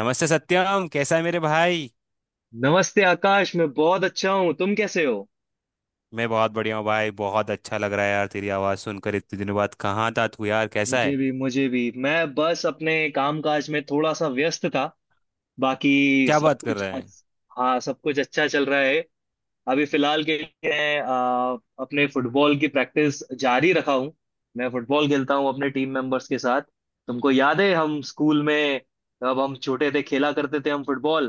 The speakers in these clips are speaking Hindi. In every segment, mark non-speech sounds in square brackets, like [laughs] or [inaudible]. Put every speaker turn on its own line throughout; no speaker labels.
नमस्ते सत्यम, कैसा है मेरे भाई।
नमस्ते आकाश। मैं बहुत अच्छा हूँ, तुम कैसे हो?
मैं बहुत बढ़िया हूँ भाई। बहुत अच्छा लग रहा है यार तेरी आवाज़ सुनकर इतने दिनों बाद। कहाँ था तू यार, कैसा
मुझे
है,
भी मुझे भी मैं बस अपने कामकाज में थोड़ा सा व्यस्त था। बाकी
क्या
सब
बात कर
कुछ
रहा है।
अच्छ... हाँ, सब कुछ अच्छा चल रहा है। अभी फिलहाल के लिए मैं अपने फुटबॉल की प्रैक्टिस जारी रखा हूँ। मैं फुटबॉल खेलता हूँ अपने टीम मेंबर्स के साथ। तुमको याद है हम स्कूल में, जब हम छोटे थे, खेला करते थे हम फुटबॉल।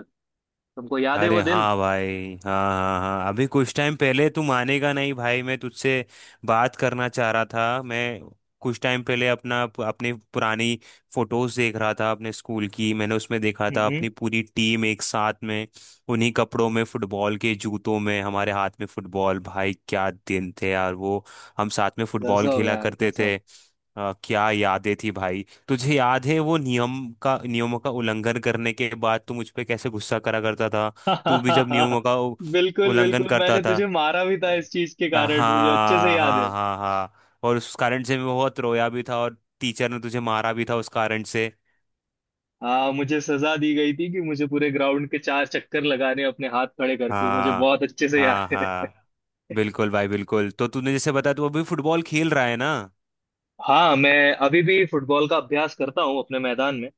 तुमको याद है
अरे
वो दिन?
हाँ भाई, हाँ, हाँ, हाँ, अभी कुछ टाइम पहले तू मानेगा नहीं भाई, मैं तुझसे बात करना चाह रहा था। मैं कुछ टाइम पहले अपना अपनी पुरानी फोटोज देख रहा था अपने स्कूल की। मैंने उसमें देखा था
हम्म।
अपनी पूरी टीम एक साथ में, उन्हीं कपड़ों में, फुटबॉल के जूतों में, हमारे हाथ में फुटबॉल। भाई क्या दिन थे यार वो, हम साथ में फुटबॉल
गजब
खेला
यार,
करते
गजब।
थे। क्या यादें थी भाई। तुझे याद है वो नियमों का उल्लंघन करने के बाद तू मुझ पे कैसे गुस्सा करा करता था। तू भी जब
[laughs] बिल्कुल,
उल्लंघन
बिल्कुल।
करता
मैंने
था।
तुझे मारा भी
अ,
था इस चीज के कारण, मुझे अच्छे से
हाँ
याद है।
हाँ हाँ हाँ, और उस कारण से मैं बहुत रोया भी था, और टीचर ने तुझे मारा भी था उस कारण से।
हाँ, मुझे सजा दी गई थी कि मुझे पूरे ग्राउंड के 4 चक्कर लगाने हैं अपने हाथ खड़े करके। मुझे
हाँ,
बहुत अच्छे से याद
हाँ
है।
हाँ,
[laughs]
बिल्कुल भाई बिल्कुल। तो तूने जैसे बताया तू अभी फुटबॉल खेल रहा है ना,
हाँ, मैं अभी भी फुटबॉल का अभ्यास करता हूँ अपने मैदान में।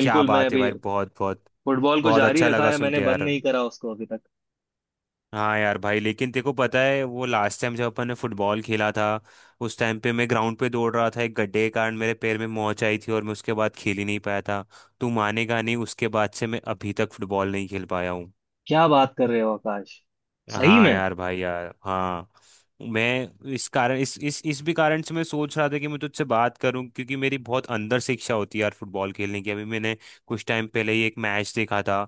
क्या
मैं
बात है
अभी
भाई। बहुत बहुत
फुटबॉल को
बहुत
जारी
अच्छा
रखा
लगा
है,
सुन
मैंने
के
बंद
यार।
नहीं करा उसको अभी तक।
हाँ यार भाई, लेकिन तेको पता है वो लास्ट टाइम जब अपन ने फुटबॉल खेला था, उस टाइम पे मैं ग्राउंड पे दौड़ रहा था, एक गड्ढे के कारण मेरे पैर में मोच आई थी और मैं उसके बाद खेल ही नहीं पाया था। तू मानेगा नहीं, उसके बाद से मैं अभी तक फुटबॉल नहीं खेल पाया हूँ।
क्या बात कर रहे हो आकाश? सही
हाँ
में।
यार भाई, यार हाँ। मैं इस कारण इस भी कारण से मैं सोच रहा था कि मैं तुझसे बात करूं, क्योंकि मेरी बहुत अंदर से इच्छा होती है यार फुटबॉल खेलने की। अभी मैंने कुछ टाइम पहले ही एक मैच देखा था,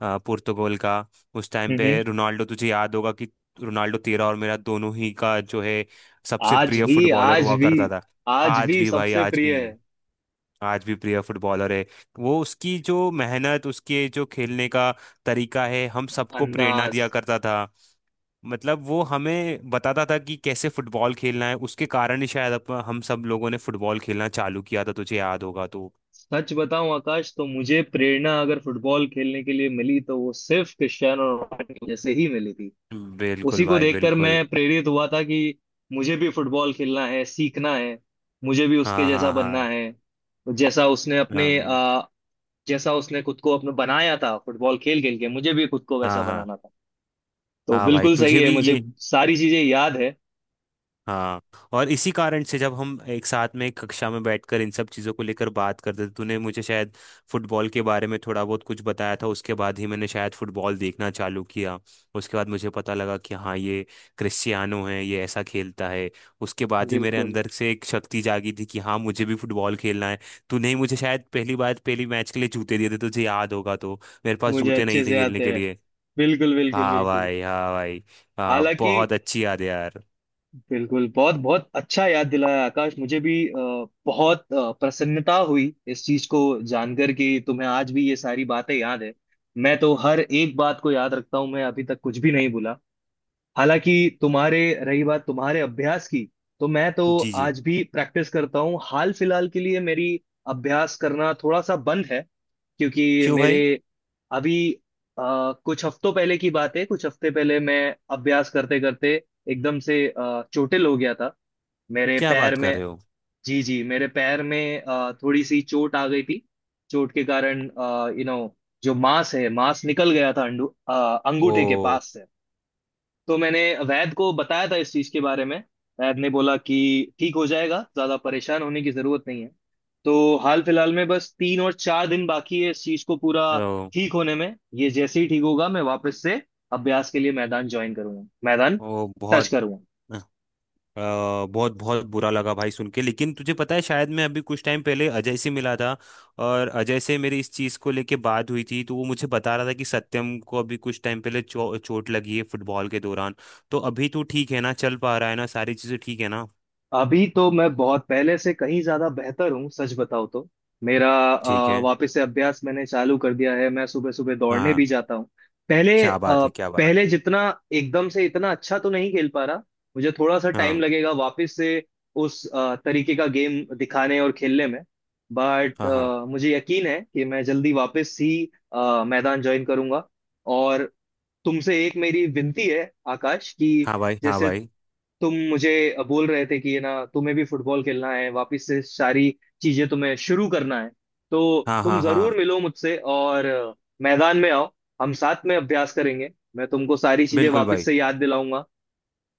पुर्तगाल का। उस टाइम पे
हम्म।
रोनाल्डो, तुझे याद होगा कि रोनाल्डो तेरा और मेरा दोनों ही का जो है सबसे
आज
प्रिय
भी,
फुटबॉलर
आज
हुआ
भी।
करता था।
आज
आज
भी
भी भाई
सबसे
आज
प्रिय
भी,
है।
आज भी प्रिय फुटबॉलर है। वो उसकी जो मेहनत, उसके जो खेलने का तरीका है, हम सबको प्रेरणा
अंदाज।
दिया करता था। मतलब वो हमें बताता था कि कैसे फुटबॉल खेलना है। उसके कारण ही शायद हम सब लोगों ने फुटबॉल खेलना चालू किया था, तुझे याद होगा तो।
सच बताऊं आकाश, तो मुझे प्रेरणा अगर फुटबॉल खेलने के लिए मिली, तो वो सिर्फ क्रिस्टियानो रोनाल्डो की वजह से ही मिली थी। उसी
बिल्कुल
को
भाई
देखकर
बिल्कुल।
मैं प्रेरित हुआ था कि मुझे भी फुटबॉल खेलना है, सीखना है। मुझे भी उसके
हाँ
जैसा
हाँ
बनना
हाँ,
है। तो
हाँ,
जैसा उसने खुद को अपने बनाया था फुटबॉल खेल खेल के, मुझे भी खुद को वैसा
हाँ हाँ।
बनाना था। तो
हाँ भाई
बिल्कुल सही
तुझे
है,
भी
मुझे
ये,
सारी चीजें याद है।
हाँ। और इसी कारण से जब हम एक साथ में एक कक्षा में बैठकर इन सब चीज़ों को लेकर बात करते थे, तूने मुझे शायद फुटबॉल के बारे में थोड़ा बहुत कुछ बताया था, उसके बाद ही मैंने शायद फुटबॉल देखना चालू किया। उसके बाद मुझे पता लगा कि हाँ ये क्रिस्टियानो है, ये ऐसा खेलता है। उसके बाद ही मेरे
बिल्कुल।
अंदर से एक शक्ति जागी थी कि हाँ, मुझे भी फुटबॉल खेलना है। तूने ही मुझे शायद पहली बार पहली मैच के लिए जूते दिए थे, तुझे याद होगा तो। मेरे पास
मुझे
जूते नहीं
अच्छे से
थे
याद
खेलने
है।
के लिए।
बिल्कुल, बिल्कुल,
हाँ
बिल्कुल।
भाई हाँ भाई, हाँ,
हालांकि,
बहुत अच्छी याद है यार।
बिल्कुल, बहुत बहुत अच्छा याद दिलाया आकाश। मुझे भी बहुत प्रसन्नता हुई इस चीज को जानकर कि तुम्हें आज भी ये सारी बातें याद है। मैं तो हर एक बात को याद रखता हूं, मैं अभी तक कुछ भी नहीं भूला। हालांकि तुम्हारे रही बात तुम्हारे अभ्यास की, तो मैं तो
जी जी।
आज भी प्रैक्टिस करता हूँ। हाल फिलहाल के लिए मेरी अभ्यास करना थोड़ा सा बंद है, क्योंकि
क्यों
मेरे
भाई,
अभी कुछ हफ्तों पहले की बात है, कुछ हफ्ते पहले मैं अभ्यास करते करते एकदम से चोटिल हो गया था मेरे
क्या
पैर
बात
में।
कर रहे हो।
जी जी, मेरे पैर में थोड़ी सी चोट आ गई थी। चोट के कारण, यू नो जो मांस है, मांस निकल गया था अंगूठे के
ओ,
पास से। तो मैंने वैद को बताया था इस चीज के बारे में। वैद ने बोला कि ठीक हो जाएगा, ज्यादा परेशान होने की जरूरत नहीं है। तो हाल फिलहाल में बस 3 और 4 दिन बाकी है इस चीज को पूरा
ओ,
ठीक होने में। ये जैसे ही ठीक होगा, मैं वापस से अभ्यास के लिए मैदान ज्वाइन करूंगा, मैदान
ओ।
टच
बहुत
करूंगा।
अ, बहुत बहुत बुरा लगा भाई सुन के। लेकिन तुझे पता है शायद, मैं अभी कुछ टाइम पहले अजय से मिला था, और अजय से मेरी इस चीज़ को लेके बात हुई थी, तो वो मुझे बता रहा था कि सत्यम को अभी कुछ टाइम पहले चोट लगी है फुटबॉल के दौरान। तो अभी तो ठीक है ना, चल पा रहा है ना, सारी चीज़ें ठीक है ना।
अभी तो मैं बहुत पहले से कहीं ज्यादा बेहतर हूँ, सच बताओ तो। मेरा
ठीक है।
वापस से अभ्यास मैंने चालू कर दिया है, मैं सुबह सुबह
हाँ
दौड़ने भी
हाँ,
जाता हूँ। पहले अ,
क्या बात है, क्या बात।
पहले जितना एकदम से इतना अच्छा तो नहीं खेल पा रहा। मुझे थोड़ा सा टाइम
हाँ
लगेगा वापस से उस तरीके का गेम दिखाने और खेलने में। बट
हाँ हाँ,
मुझे यकीन है कि मैं जल्दी वापस ही मैदान ज्वाइन करूंगा। और तुमसे एक मेरी विनती है आकाश कि
हाँ भाई हाँ
जैसे
भाई।
तुम मुझे बोल रहे थे कि ये ना, तुम्हें भी फुटबॉल खेलना है, वापस से सारी चीजें तुम्हें शुरू करना है। तो
हाँ
तुम
हाँ
जरूर
हाँ।
मिलो मुझसे और मैदान में आओ। हम साथ में अभ्यास करेंगे, मैं तुमको सारी चीजें
बिल्कुल
वापस
भाई
से याद दिलाऊंगा।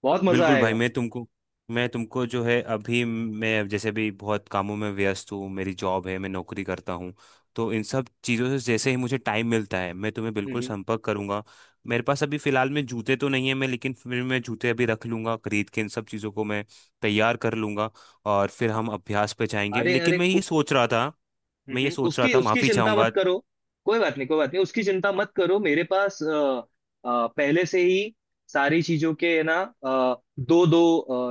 बहुत मजा
बिल्कुल। भाई
आएगा।
मैं तुमको, जो है, अभी मैं जैसे भी बहुत कामों में व्यस्त हूँ, मेरी जॉब है, मैं नौकरी करता हूँ। तो इन सब चीज़ों से जैसे ही मुझे टाइम मिलता है मैं तुम्हें
हम्म,
बिल्कुल
हम्म।
संपर्क करूंगा। मेरे पास अभी फ़िलहाल में जूते तो नहीं है मैं, लेकिन फिर मैं जूते अभी रख लूंगा खरीद के, इन सब चीज़ों को मैं तैयार कर लूंगा, और फिर हम अभ्यास पे जाएंगे।
अरे
लेकिन
अरे
मैं ये
कु-
सोच रहा था,
हम्म, उसकी उसकी
माफ़ी
चिंता
चाहूंगा।
मत करो। कोई बात नहीं, कोई बात नहीं, उसकी चिंता मत करो। मेरे पास पहले से ही सारी चीजों के है ना, दो दो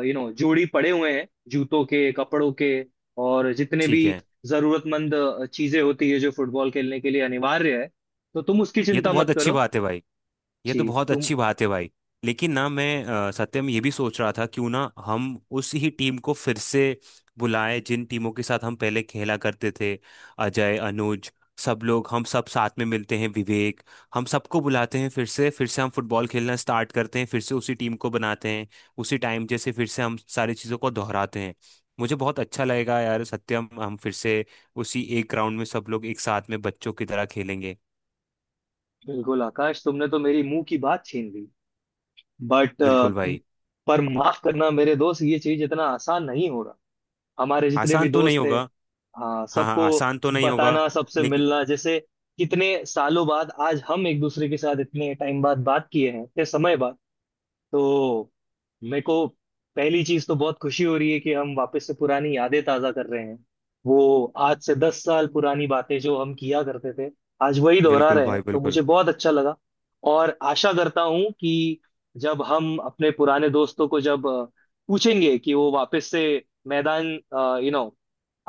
जोड़ी पड़े हुए हैं जूतों के, कपड़ों के। और जितने भी
ठीक है।
जरूरतमंद चीजें होती है जो फुटबॉल खेलने के लिए अनिवार्य है, तो तुम उसकी
ये तो
चिंता मत
बहुत अच्छी
करो।
बात है भाई, ये
जी।
तो बहुत
तुम
अच्छी बात है भाई। लेकिन ना मैं सत्यम ये भी सोच रहा था, क्यों ना हम उस ही टीम को फिर से बुलाएं जिन टीमों के साथ हम पहले खेला करते थे। अजय, अनुज, सब लोग, हम सब साथ में मिलते हैं, विवेक, हम सबको बुलाते हैं। फिर से, फिर से हम फुटबॉल खेलना स्टार्ट करते हैं, फिर से उसी टीम को बनाते हैं, उसी टाइम जैसे फिर से हम सारी चीज़ों को दोहराते हैं। मुझे बहुत अच्छा लगेगा यार सत्यम, हम फिर से उसी एक ग्राउंड में सब लोग एक साथ में बच्चों की तरह खेलेंगे।
बिल्कुल आकाश, तुमने तो मेरी मुंह की बात छीन ली। बट
बिल्कुल भाई,
पर माफ करना मेरे दोस्त, ये चीज इतना आसान नहीं हो रहा। हमारे जितने भी
आसान तो नहीं
दोस्त थे,
होगा।
हाँ,
हाँ हाँ
सबको
आसान तो नहीं होगा,
बताना, सबसे
लेकिन
मिलना, जैसे कितने सालों बाद आज हम एक दूसरे के साथ इतने टाइम बाद बात किए हैं, इतने समय बाद। तो मेरे को पहली चीज तो बहुत खुशी हो रही है कि हम वापस से पुरानी यादें ताजा कर रहे हैं। वो आज से 10 साल पुरानी बातें जो हम किया करते थे, आज वही दोहरा
बिल्कुल
रहे
भाई
हैं, तो
बिल्कुल।
मुझे बहुत अच्छा लगा। और आशा करता हूं कि जब हम अपने पुराने दोस्तों को, जब पूछेंगे कि वो वापस से मैदान, यू नो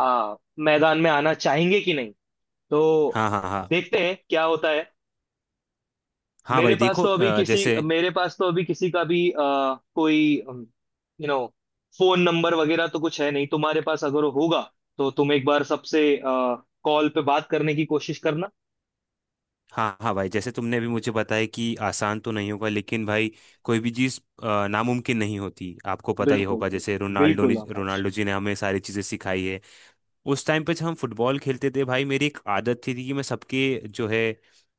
मैदान में आना चाहेंगे कि नहीं, तो
हाँ हाँ हाँ।
देखते हैं क्या होता है।
हाँ भाई देखो, जैसे,
मेरे पास तो अभी किसी का भी कोई यू नो फोन नंबर वगैरह तो कुछ है नहीं, तुम्हारे पास अगर होगा तो तुम एक बार सबसे कॉल पे बात करने की कोशिश करना।
हाँ हाँ भाई, जैसे तुमने अभी मुझे बताया कि आसान तो नहीं होगा, लेकिन भाई कोई भी चीज़ नामुमकिन नहीं होती, आपको पता ही
बिल्कुल,
होगा, जैसे
बिल्कुल, बिल्कुल आकाश।
रोनाल्डो जी ने हमें सारी चीज़ें सिखाई है। उस टाइम पे जब हम फुटबॉल खेलते थे भाई, मेरी एक आदत थी कि मैं सबके जो है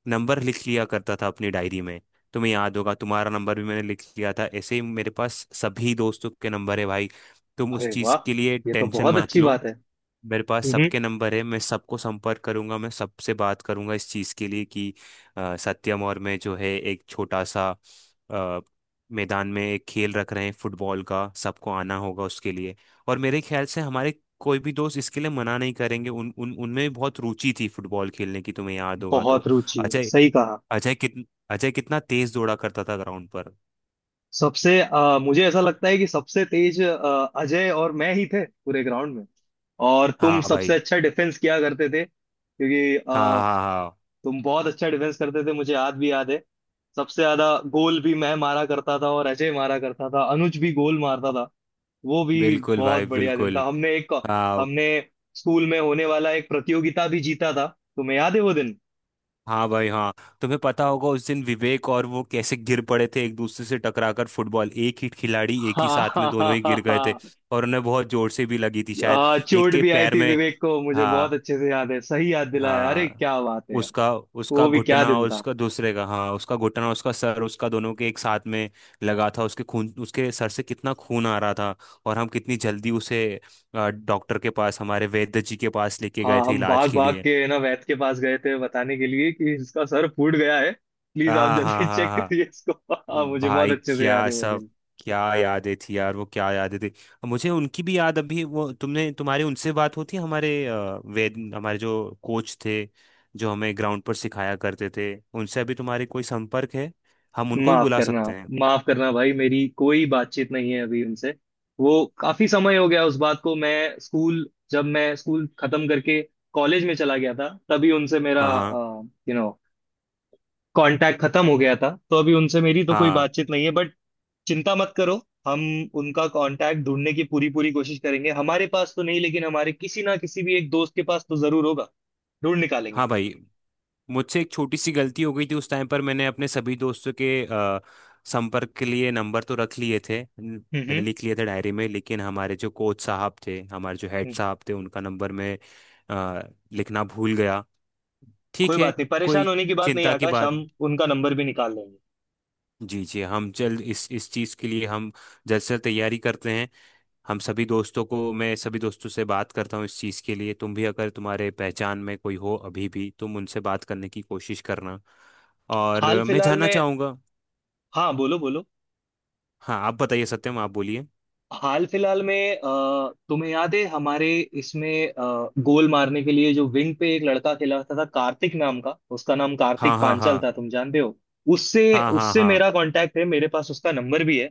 नंबर लिख लिया करता था अपनी डायरी में। तुम्हें याद होगा, तुम्हारा नंबर भी मैंने लिख लिया था। ऐसे ही मेरे पास सभी दोस्तों के नंबर है भाई, तुम उस
अरे
चीज़
वाह,
के लिए
ये तो
टेंशन
बहुत
मत
अच्छी
लो।
बात है।
मेरे पास
हम्म।
सबके नंबर है, मैं सबको संपर्क करूंगा, मैं सबसे बात करूंगा इस चीज़ के लिए कि सत्यम और मैं जो है एक छोटा सा अ, मैदान में एक खेल रख रहे हैं फुटबॉल का, सबको आना होगा उसके लिए। और मेरे ख्याल से हमारे कोई भी दोस्त इसके लिए मना नहीं करेंगे, उन उन उनमें भी बहुत रुचि थी फुटबॉल खेलने की, तुम्हें याद होगा
बहुत
तो।
रुचि है,
अजय,
सही कहा।
अजय कित अजय कितना तेज दौड़ा करता था ग्राउंड पर।
मुझे ऐसा लगता है कि सबसे तेज अजय और मैं ही थे पूरे ग्राउंड में। और तुम
हाँ
सबसे
भाई,
अच्छा डिफेंस किया करते थे, क्योंकि
हाँ हाँ हाँ।
तुम बहुत अच्छा डिफेंस करते थे, मुझे याद है। सबसे ज्यादा गोल भी मैं मारा करता था, और अजय मारा करता था, अनुज भी गोल मारता था, वो भी।
बिल्कुल
बहुत
भाई
बढ़िया दिन था।
बिल्कुल। हाँ
हमने स्कूल में होने वाला एक प्रतियोगिता भी जीता था। तुम्हें याद है वो दिन?
हाँ भाई हाँ। तुम्हें पता होगा उस दिन विवेक और वो कैसे गिर पड़े थे एक दूसरे से टकराकर, फुटबॉल एक ही खिलाड़ी, एक ही साथ में दोनों ही गिर गए थे,
हाँ। [laughs]
और उन्हें बहुत जोर से भी लगी थी शायद, एक
चोट
के
भी आई
पैर
थी
में।
विवेक को, मुझे बहुत
हाँ,
अच्छे से याद है, सही याद दिलाया। अरे
हाँ,
क्या बात है यार।
उसका उसका
वो भी क्या
घुटना
दिन
और
था।
उसका दूसरे का, हाँ उसका घुटना, उसका सर, उसका दोनों के एक साथ में लगा था। उसके खून, उसके सर से कितना खून आ रहा था, और हम कितनी जल्दी उसे डॉक्टर के पास, हमारे वैद्य जी के पास लेके गए
हाँ,
थे
हम
इलाज
भाग
के
भाग
लिए।
के ना वैद्य के पास गए थे बताने के लिए कि इसका सर फूट गया है, प्लीज आप
हाँ हाँ
जल्दी [laughs]
हाँ
चेक करिए
हाँ।
इसको। [laughs] हाँ, मुझे बहुत
भाई
अच्छे से याद
क्या
है वो
सब,
दिन।
क्या यादें थी यार वो, क्या यादें थी। अब मुझे उनकी भी याद अभी वो, तुमने तुम्हारी उनसे बात होती है हमारे वेद, हमारे जो कोच थे, जो हमें ग्राउंड पर सिखाया करते थे, उनसे अभी तुम्हारी कोई संपर्क है। हम उनको भी
माफ
बुला
करना,
सकते हैं।
माफ करना भाई, मेरी कोई बातचीत नहीं है अभी उनसे। वो काफी समय हो गया उस बात को। मैं स्कूल जब मैं स्कूल खत्म करके कॉलेज में चला गया था, तभी उनसे मेरा
हाँ, हाँ
यू नो कांटेक्ट खत्म हो गया था। तो अभी उनसे मेरी तो कोई
हाँ
बातचीत नहीं है, बट चिंता मत करो। हम उनका कांटेक्ट ढूंढने की पूरी पूरी कोशिश करेंगे। हमारे पास तो नहीं, लेकिन हमारे किसी ना किसी भी एक दोस्त के पास तो जरूर होगा। ढूंढ निकालेंगे।
हाँ भाई। मुझसे एक छोटी सी गलती हो गई थी उस टाइम पर। मैंने अपने सभी दोस्तों के संपर्क के लिए नंबर तो रख लिए थे
हम्म,
मैंने
हम्म।
लिख लिए थे डायरी में, लेकिन हमारे जो कोच साहब थे, हमारे जो हेड
हम्म।
साहब थे, उनका नंबर मैं अ, लिखना भूल गया।
कोई
ठीक है,
बात नहीं,
कोई
परेशान होने की बात नहीं
चिंता की
आकाश,
बात।
हम उनका नंबर भी निकाल लेंगे।
जी जी, हम जल्द इस चीज़ के लिए हम जल्द से जल्द तैयारी करते हैं। हम सभी दोस्तों को मैं सभी दोस्तों से बात करता हूँ इस चीज़ के लिए। तुम भी अगर तुम्हारे पहचान में कोई हो अभी भी, तुम उनसे बात करने की कोशिश करना। और
हाल
मैं
फिलहाल
जानना
में
चाहूँगा,
हाँ, बोलो बोलो।
हाँ आप बताइए सत्यम, आप बोलिए।
हाल फिलहाल में तुम्हें याद है हमारे इसमें गोल मारने के लिए जो विंग पे एक लड़का खेला होता था, कार्तिक नाम का, उसका नाम
हाँ
कार्तिक
हाँ
पांचाल
हाँ,
था, तुम जानते हो? उससे
हाँ हाँ
उससे
हाँ।
मेरा कांटेक्ट है, मेरे पास उसका नंबर भी है।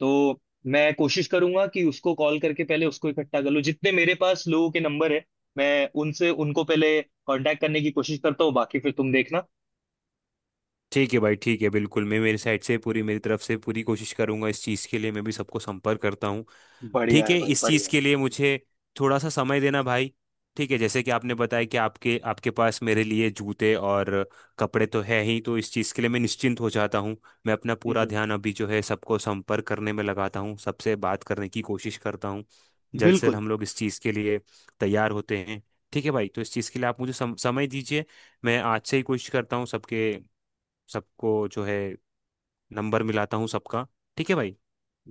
तो मैं कोशिश करूंगा कि उसको कॉल करके पहले उसको इकट्ठा कर लूं, जितने मेरे पास लोगों के नंबर है, मैं उनसे उनको पहले कांटेक्ट करने की कोशिश करता हूँ, बाकी फिर तुम देखना।
ठीक है भाई ठीक है, बिल्कुल। मैं मेरी साइड से पूरी मेरी तरफ से पूरी कोशिश करूंगा इस चीज़ के लिए, मैं भी सबको संपर्क करता हूँ।
बढ़िया
ठीक
है
है,
भाई,
इस चीज़
बढ़िया है।
के लिए मुझे थोड़ा सा समय देना भाई। ठीक है जैसे कि आपने बताया कि आपके आपके पास मेरे लिए जूते और कपड़े तो है ही, तो इस चीज़ के लिए मैं निश्चिंत हो जाता हूँ। मैं अपना पूरा
हम्म।
ध्यान अभी जो है सबको संपर्क करने में लगाता हूँ, सबसे बात करने की कोशिश करता हूँ। जल्द से जल्द
बिल्कुल,
हम लोग इस चीज़ के लिए तैयार होते हैं। ठीक है भाई, तो इस चीज़ के लिए आप मुझे समय दीजिए। मैं आज से ही कोशिश करता हूँ सबके सबको जो है नंबर मिलाता हूँ सबका। ठीक है भाई,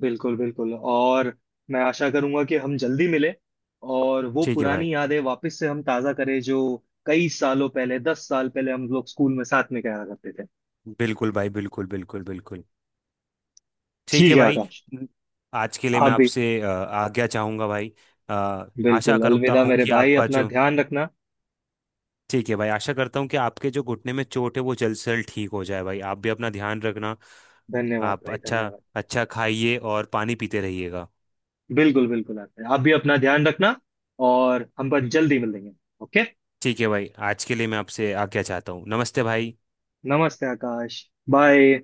बिल्कुल, बिल्कुल। और मैं आशा करूंगा कि हम जल्दी मिले, और वो
ठीक है भाई।
पुरानी यादें वापस से हम ताजा करें, जो कई सालों पहले, 10 साल पहले हम लोग स्कूल में साथ में क्या करते थे।
बिल्कुल भाई बिल्कुल, बिल्कुल बिल्कुल। ठीक
ठीक
है
है
भाई,
आकाश।
आज के लिए
आप
मैं
भी
आपसे आज्ञा चाहूंगा भाई। अ, आशा
बिल्कुल।
करता
अलविदा
हूँ
मेरे
कि
भाई,
आपका
अपना
जो,
ध्यान रखना।
ठीक है भाई आशा करता हूँ कि आपके जो घुटने में चोट है वो जल्द से जल्द ठीक हो जाए भाई, आप भी अपना ध्यान रखना।
धन्यवाद
आप
भाई,
अच्छा
धन्यवाद।
अच्छा खाइए और पानी पीते रहिएगा।
बिल्कुल, बिल्कुल, आते हैं, आप भी अपना ध्यान रखना, और हम पर जल्दी मिलेंगे। ओके।
ठीक है भाई, आज के लिए मैं आपसे आज्ञा चाहता हूँ। नमस्ते भाई।
नमस्ते आकाश। बाय।